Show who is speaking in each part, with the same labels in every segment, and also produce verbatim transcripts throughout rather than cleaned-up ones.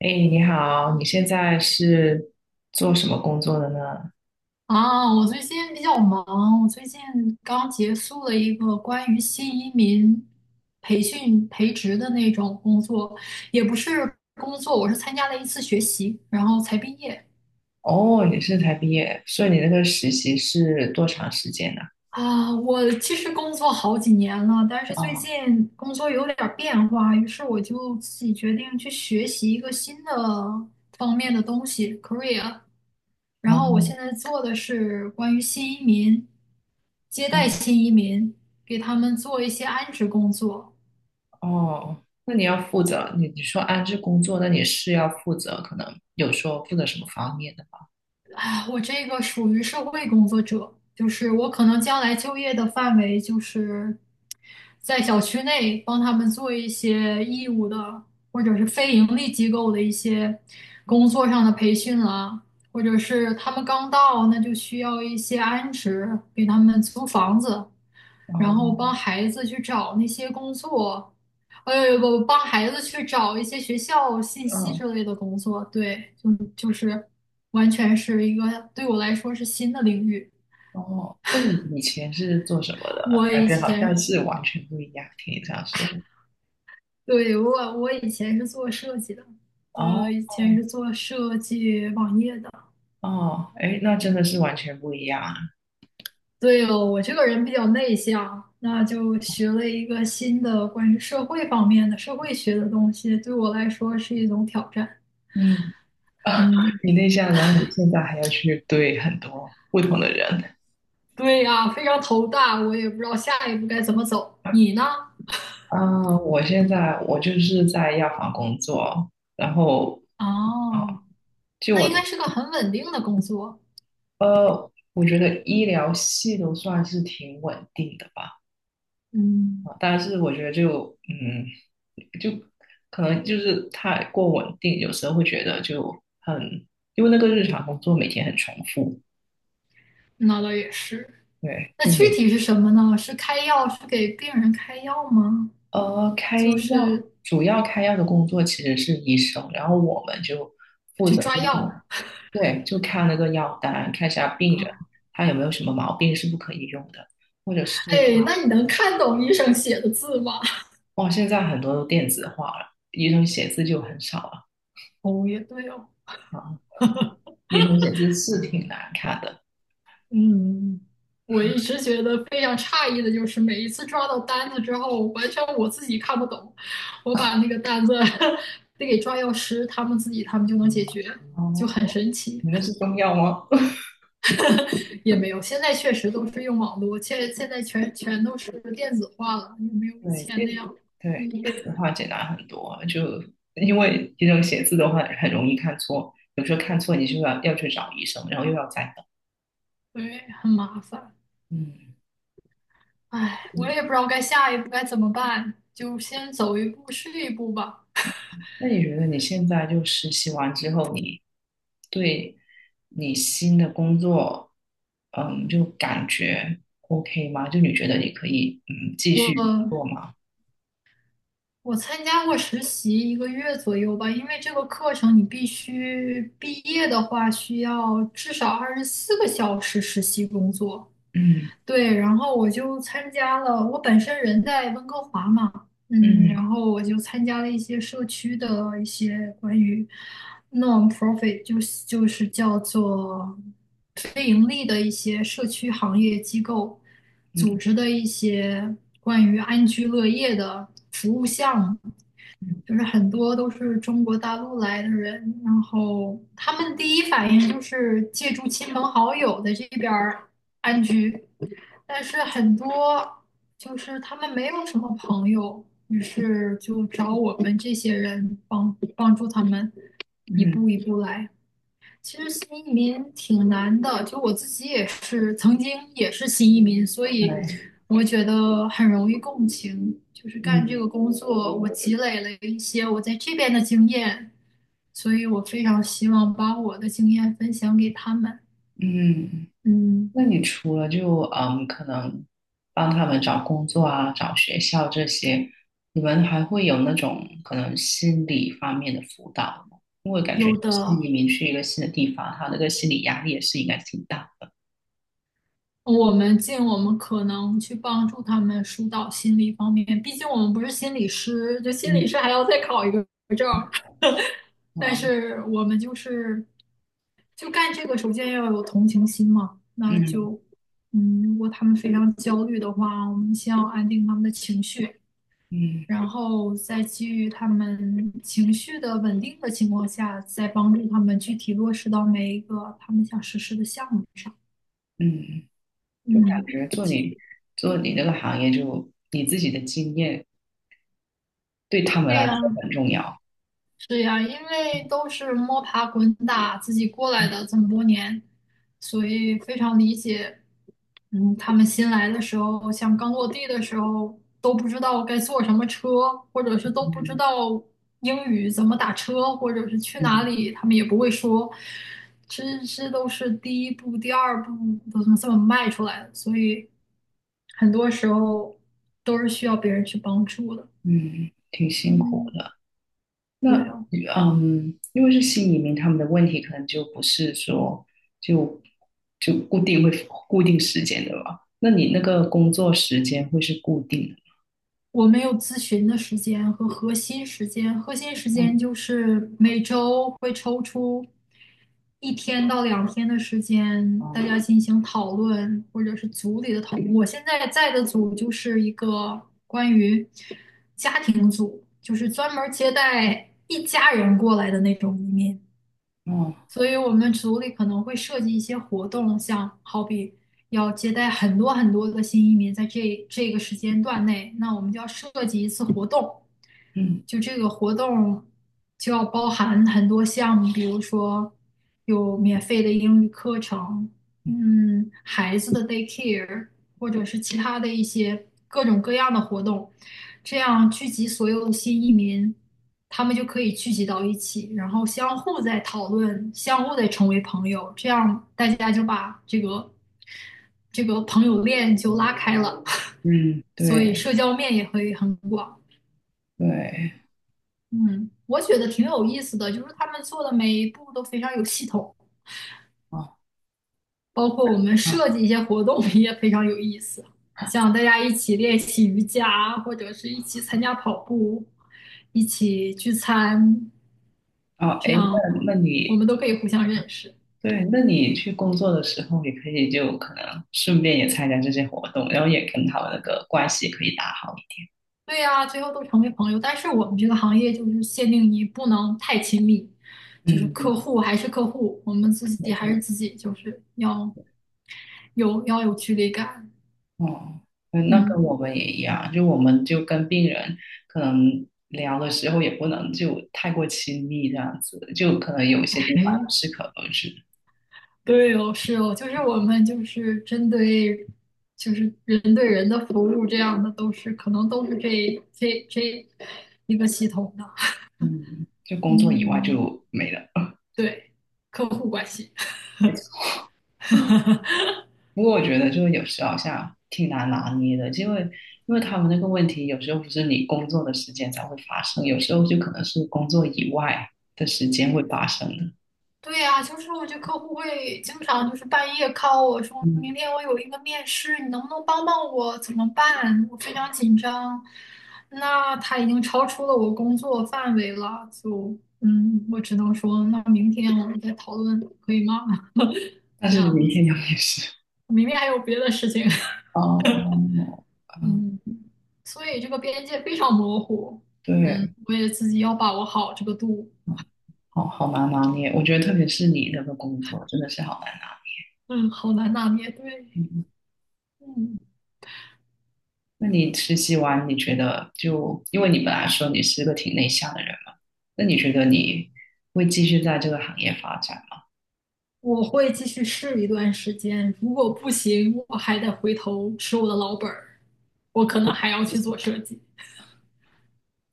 Speaker 1: 哎，你好，你现在是做什么工作的呢？
Speaker 2: 啊，我最近比较忙，我最近刚结束了一个关于新移民培训培植的那种工作，也不是工作，我是参加了一次学习，然后才毕业。
Speaker 1: 哦，你是才毕业，所以你那个实习是多长时间呢？
Speaker 2: 啊，我其实工作好几年了，但是最
Speaker 1: 哦，
Speaker 2: 近工作有点儿变化，于是我就自己决定去学习一个新的方面的东西，career。然
Speaker 1: 哦，
Speaker 2: 后我现在做的是关于新移民，接
Speaker 1: 哦，
Speaker 2: 待新移民，给他们做一些安置工作。
Speaker 1: 哦，那你要负责，你你说安置工作，那你是要负责，可能有说负责什么方面的吗？
Speaker 2: 啊我这个属于社会工作者，就是我可能将来就业的范围就是在小区内帮他们做一些义务的，或者是非盈利机构的一些工作上的培训啊，或者是他们刚到，那就需要一些安置，给他们租房子，然后
Speaker 1: 哦，
Speaker 2: 帮孩子去找那些工作，呃，不，帮孩子去找一些学校信息
Speaker 1: 哦，
Speaker 2: 之类的工作，对。完全是一个对我来说是新的领域。
Speaker 1: 哦，那你以前是做什么的？
Speaker 2: 我
Speaker 1: 感
Speaker 2: 以
Speaker 1: 觉好像
Speaker 2: 前，
Speaker 1: 是完全不一样，听你这样说。
Speaker 2: 对，我，我以前是做设计的，我
Speaker 1: 哦，
Speaker 2: 以前是做设计网页的。
Speaker 1: 哦，哎，那真的是完全不一样啊。
Speaker 2: 对哦，我这个人比较内向，那就学了一个新的关于社会方面的社会学的东西，对我来说是一种挑战。
Speaker 1: 嗯。 啊，
Speaker 2: 嗯，
Speaker 1: 你内向，然后你现在还要去对很多不同的人。
Speaker 2: 对呀，非常头大，我也不知道下一步该怎么走。你呢？
Speaker 1: 啊，我现在我就是在药房工作，然后啊，
Speaker 2: 哦，那应该是个很稳定的工作。
Speaker 1: 呃，我觉得医疗系都算是挺稳定的吧。
Speaker 2: 嗯，
Speaker 1: 啊，但是我觉得就嗯，就可能就是太过稳定，有时候会觉得就很，因为那个日常工作每天很重复。
Speaker 2: 那倒也是。
Speaker 1: 对，
Speaker 2: 那
Speaker 1: 就
Speaker 2: 具
Speaker 1: 每
Speaker 2: 体是什么呢？是开药，是给病人开药吗？
Speaker 1: 呃，开
Speaker 2: 就
Speaker 1: 药，
Speaker 2: 是
Speaker 1: 主要开药的工作其实是医生，然后我们就负
Speaker 2: 去
Speaker 1: 责
Speaker 2: 抓
Speaker 1: 就可能。
Speaker 2: 药
Speaker 1: 对，就看那个药单，看一下病人
Speaker 2: 啊？
Speaker 1: 他有没有什么毛病是不可以用的，或者是。
Speaker 2: 哎，那你能看懂医生写的字吗？
Speaker 1: 哦，现在很多都电子化了，医生写字就很少了。
Speaker 2: 哦，也对哦，
Speaker 1: 啊，医生写字是挺难看的。
Speaker 2: 嗯。我一直觉得非常诧异的就是，每一次抓到单子之后，完全我自己看不懂，我把那个单子 得给抓药师，他们自己他们就能解决，就很
Speaker 1: 哦，
Speaker 2: 神奇。
Speaker 1: 你那是中药吗？
Speaker 2: 也没有，现在确实都是用网络，现现在全全都是电子化了，也没有以
Speaker 1: 对，
Speaker 2: 前
Speaker 1: 电
Speaker 2: 那样。嗯，
Speaker 1: 对电子化简单很多，就因为这种写字的话很容易看错，有时候看错你就要要去找医生，然后又要再等。
Speaker 2: 对，很麻烦。
Speaker 1: 嗯，
Speaker 2: 唉，我也不知道该下一步该怎么办，就先走一步是一步吧。
Speaker 1: 那你觉得你现在就实习完之后，你对你新的工作，嗯，就感觉 OK 吗？就你觉得你可以嗯继续做
Speaker 2: 我
Speaker 1: 吗？
Speaker 2: 我参加过实习一个月左右吧，因为这个课程你必须毕业的话，需要至少二十四个小时实习工作。
Speaker 1: 嗯
Speaker 2: 对，然后我就参加了，我本身人在温哥华嘛，嗯，
Speaker 1: 嗯
Speaker 2: 然后我就参加了一些社区的一些关于 non-profit，就是就是叫做非盈利的一些社区行业机构组
Speaker 1: 嗯
Speaker 2: 织的一些关于安居乐业的服务项目，就是很多都是中国大陆来的人，然后他们第一反应就是借助亲朋好友在这边儿安居。但是很多就是他们没有什么朋友，于是就找我们这些人帮帮助他们一
Speaker 1: 嗯，
Speaker 2: 步一步来。其实新移民挺难的，就我自己也是曾经也是新移民，所以
Speaker 1: 对，
Speaker 2: 我觉得很容易共情。就是干这
Speaker 1: 嗯
Speaker 2: 个工作，我积累了一些我在这边的经验，所以我非常希望把我的经验分享给他们。
Speaker 1: 嗯。
Speaker 2: 嗯，
Speaker 1: 那你除了就嗯，可能帮他们找工作啊、找学校这些，你们还会有那种可能心理方面的辅导吗？因为感觉
Speaker 2: 有
Speaker 1: 新
Speaker 2: 的
Speaker 1: 移民去一个新的地方，他那个心理压力也是应该挺大的。
Speaker 2: 我们尽我们可能去帮助他们疏导心理方面，毕竟我们不是心理师，就心
Speaker 1: 嗯
Speaker 2: 理师还要再考一个证儿。但
Speaker 1: 啊，
Speaker 2: 是我们就是就干这个，首先要有同情心嘛。那
Speaker 1: 嗯
Speaker 2: 就嗯，如果他们非常焦虑的话，我们先要安定他们的情绪，
Speaker 1: 嗯
Speaker 2: 然后再基于他们情绪的稳定的情况下，再帮助他们具体落实到每一个他们想实施的项目上。
Speaker 1: 嗯，就感
Speaker 2: 嗯，
Speaker 1: 觉做你做你这个行业就，你自己的经验对他们来
Speaker 2: 对
Speaker 1: 说
Speaker 2: 呀，
Speaker 1: 很重要。
Speaker 2: 是呀，因为都是摸爬滚打自己过来
Speaker 1: 嗯
Speaker 2: 的这么多年，所以非常理解。嗯，他们新来的时候，像刚落地的时候，都不知道该坐什么车，或者是都不知道英语怎么打车，或者是去哪
Speaker 1: 嗯
Speaker 2: 里，他们也不会说。这这都是第一步、第二步都这么这么迈出来的，所以很多时候都是需要别人去帮助的。
Speaker 1: 嗯，挺辛苦
Speaker 2: 嗯，
Speaker 1: 的。
Speaker 2: 对
Speaker 1: 那
Speaker 2: 啊。
Speaker 1: 嗯，因为是新移民，他们的问题可能就不是说就就固定会固定时间的吧？那你那个工作时间会是固定的。
Speaker 2: 我没有咨询的时间和核心时间，核心时间
Speaker 1: 嗯，
Speaker 2: 就是每周会抽出一天到两天的时间，大家
Speaker 1: 哦
Speaker 2: 进行讨论，或者是组里的讨论。我现在在的组就是一个关于家庭组，就是专门接待一家人过来的那种移民。
Speaker 1: 哦
Speaker 2: 所以我们组里可能会设计一些活动，像好比要接待很多很多的新移民，在这这个时间段内，那我们就要设计一次活动，
Speaker 1: 嗯
Speaker 2: 就这个活动就要包含很多项目，比如说有免费的英语课程，嗯，孩子的 daycare，或者是其他的一些各种各样的活动，这样聚集所有的新移民，他们就可以聚集到一起，然后相互在讨论，相互在成为朋友，这样大家就把这个这个朋友链就拉开了，
Speaker 1: 嗯，
Speaker 2: 所以
Speaker 1: 对
Speaker 2: 社交面也会很广。
Speaker 1: 对
Speaker 2: 嗯，我觉得挺有意思的，就是他们做的每一步都非常有系统，
Speaker 1: 哦
Speaker 2: 包括我们
Speaker 1: 哦
Speaker 2: 设计一些活动 也非常有意思，像大家一起练习瑜伽，或者是一起参加跑步，一起聚餐，
Speaker 1: 哦，
Speaker 2: 这
Speaker 1: 哎，那
Speaker 2: 样
Speaker 1: 那
Speaker 2: 我
Speaker 1: 你
Speaker 2: 们都可以互相认识。
Speaker 1: 对，那你去工作的时候，也可以就可能顺便也参加这些活动，然后也跟他们那个关系可以打好一
Speaker 2: 对呀，最后都成为朋友。但是我们这个行业就是限定你不能太亲密，
Speaker 1: 点。
Speaker 2: 就是客
Speaker 1: 嗯，
Speaker 2: 户还是客户，我们自己
Speaker 1: 没
Speaker 2: 还是
Speaker 1: 错。
Speaker 2: 自己，就是要有要有距离感。
Speaker 1: 哦，嗯那跟
Speaker 2: 嗯。
Speaker 1: 我们也一样，就我们就跟病人可能聊的时候也不能就太过亲密这样子，就可能有一些地方要 适可而止。
Speaker 2: 对哦，是哦，就是我们就是针对就是人对人的服务这样的，都是可能都是这这这一个系统的。
Speaker 1: 嗯，就工作以外
Speaker 2: 嗯，
Speaker 1: 就没了。
Speaker 2: 对，客户关系。
Speaker 1: 没错。不过我觉得就是有时候好像挺难拿捏的，因为因为他们那个问题有时候不是你工作的时间才会发生，有时候就可能是工作以外的时间会发生的。
Speaker 2: 对呀，就是我觉得客户会经常就是半夜 call 我说，
Speaker 1: 嗯，
Speaker 2: 明天我有一个面试，你能不能帮帮我？怎么办？我非常紧张。那他已经超出了我工作范围了，就嗯，我只能说，那明天我们再讨论，可以吗？
Speaker 1: 但
Speaker 2: 这
Speaker 1: 是
Speaker 2: 样
Speaker 1: 明
Speaker 2: 子，
Speaker 1: 天又没事。
Speaker 2: 明天还有别的事情，
Speaker 1: 哦，嗯，
Speaker 2: 嗯，所以这个边界非常模糊，嗯，
Speaker 1: 对。
Speaker 2: 我也自己要把握好这个度，
Speaker 1: 好好难拿捏。我觉得特别是你那个工作真的是好难拿。
Speaker 2: 嗯，好难拿捏，对，
Speaker 1: 嗯，嗯
Speaker 2: 嗯。
Speaker 1: 那你实习完，你觉得就因为你本来说你是个挺内向的人嘛，那你觉得你会继续在这个行业发展吗？
Speaker 2: 我会继续试一段时间，如果不行，我还得回头吃我的老本儿，我可能还要去做设计。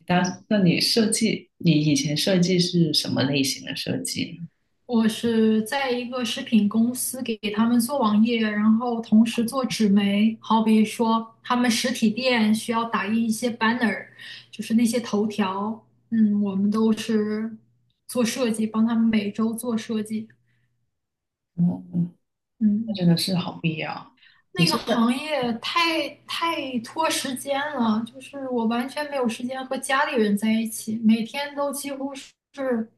Speaker 1: 但那你设计，你以前设计是什么类型的设计呢？
Speaker 2: 我是在一个食品公司给他们做网页，然后同时做纸媒，好比说他们实体店需要打印一些 banner，就是那些头条，嗯，我们都是做设计，帮他们每周做设计，
Speaker 1: 嗯，那
Speaker 2: 嗯。
Speaker 1: 真
Speaker 2: 嗯
Speaker 1: 的是好必要。你
Speaker 2: 那个
Speaker 1: 是在。
Speaker 2: 行业太太拖时间了，就是我完全没有时间和家里人在一起，每天都几乎是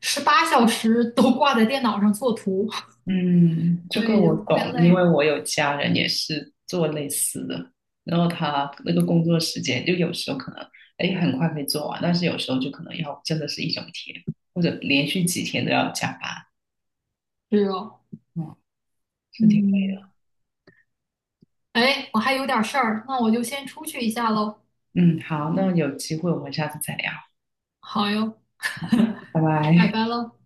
Speaker 2: 十八小时都挂在电脑上做图，
Speaker 1: 嗯，这个我
Speaker 2: 特别
Speaker 1: 懂，因
Speaker 2: 累。
Speaker 1: 为我有家人也是做类似的，然后他那个工作时间就有时候可能，哎，很快可以做完，但是有时候就可能要真的是一整天，或者连续几天都要加班，
Speaker 2: 是哦，
Speaker 1: 嗯，是挺累的。
Speaker 2: 嗯，哎，我还有点事儿，那我就先出去一下喽。
Speaker 1: 嗯，好，那有机会我们下次再聊，
Speaker 2: 好哟，
Speaker 1: 拜
Speaker 2: 拜
Speaker 1: 拜。
Speaker 2: 拜喽。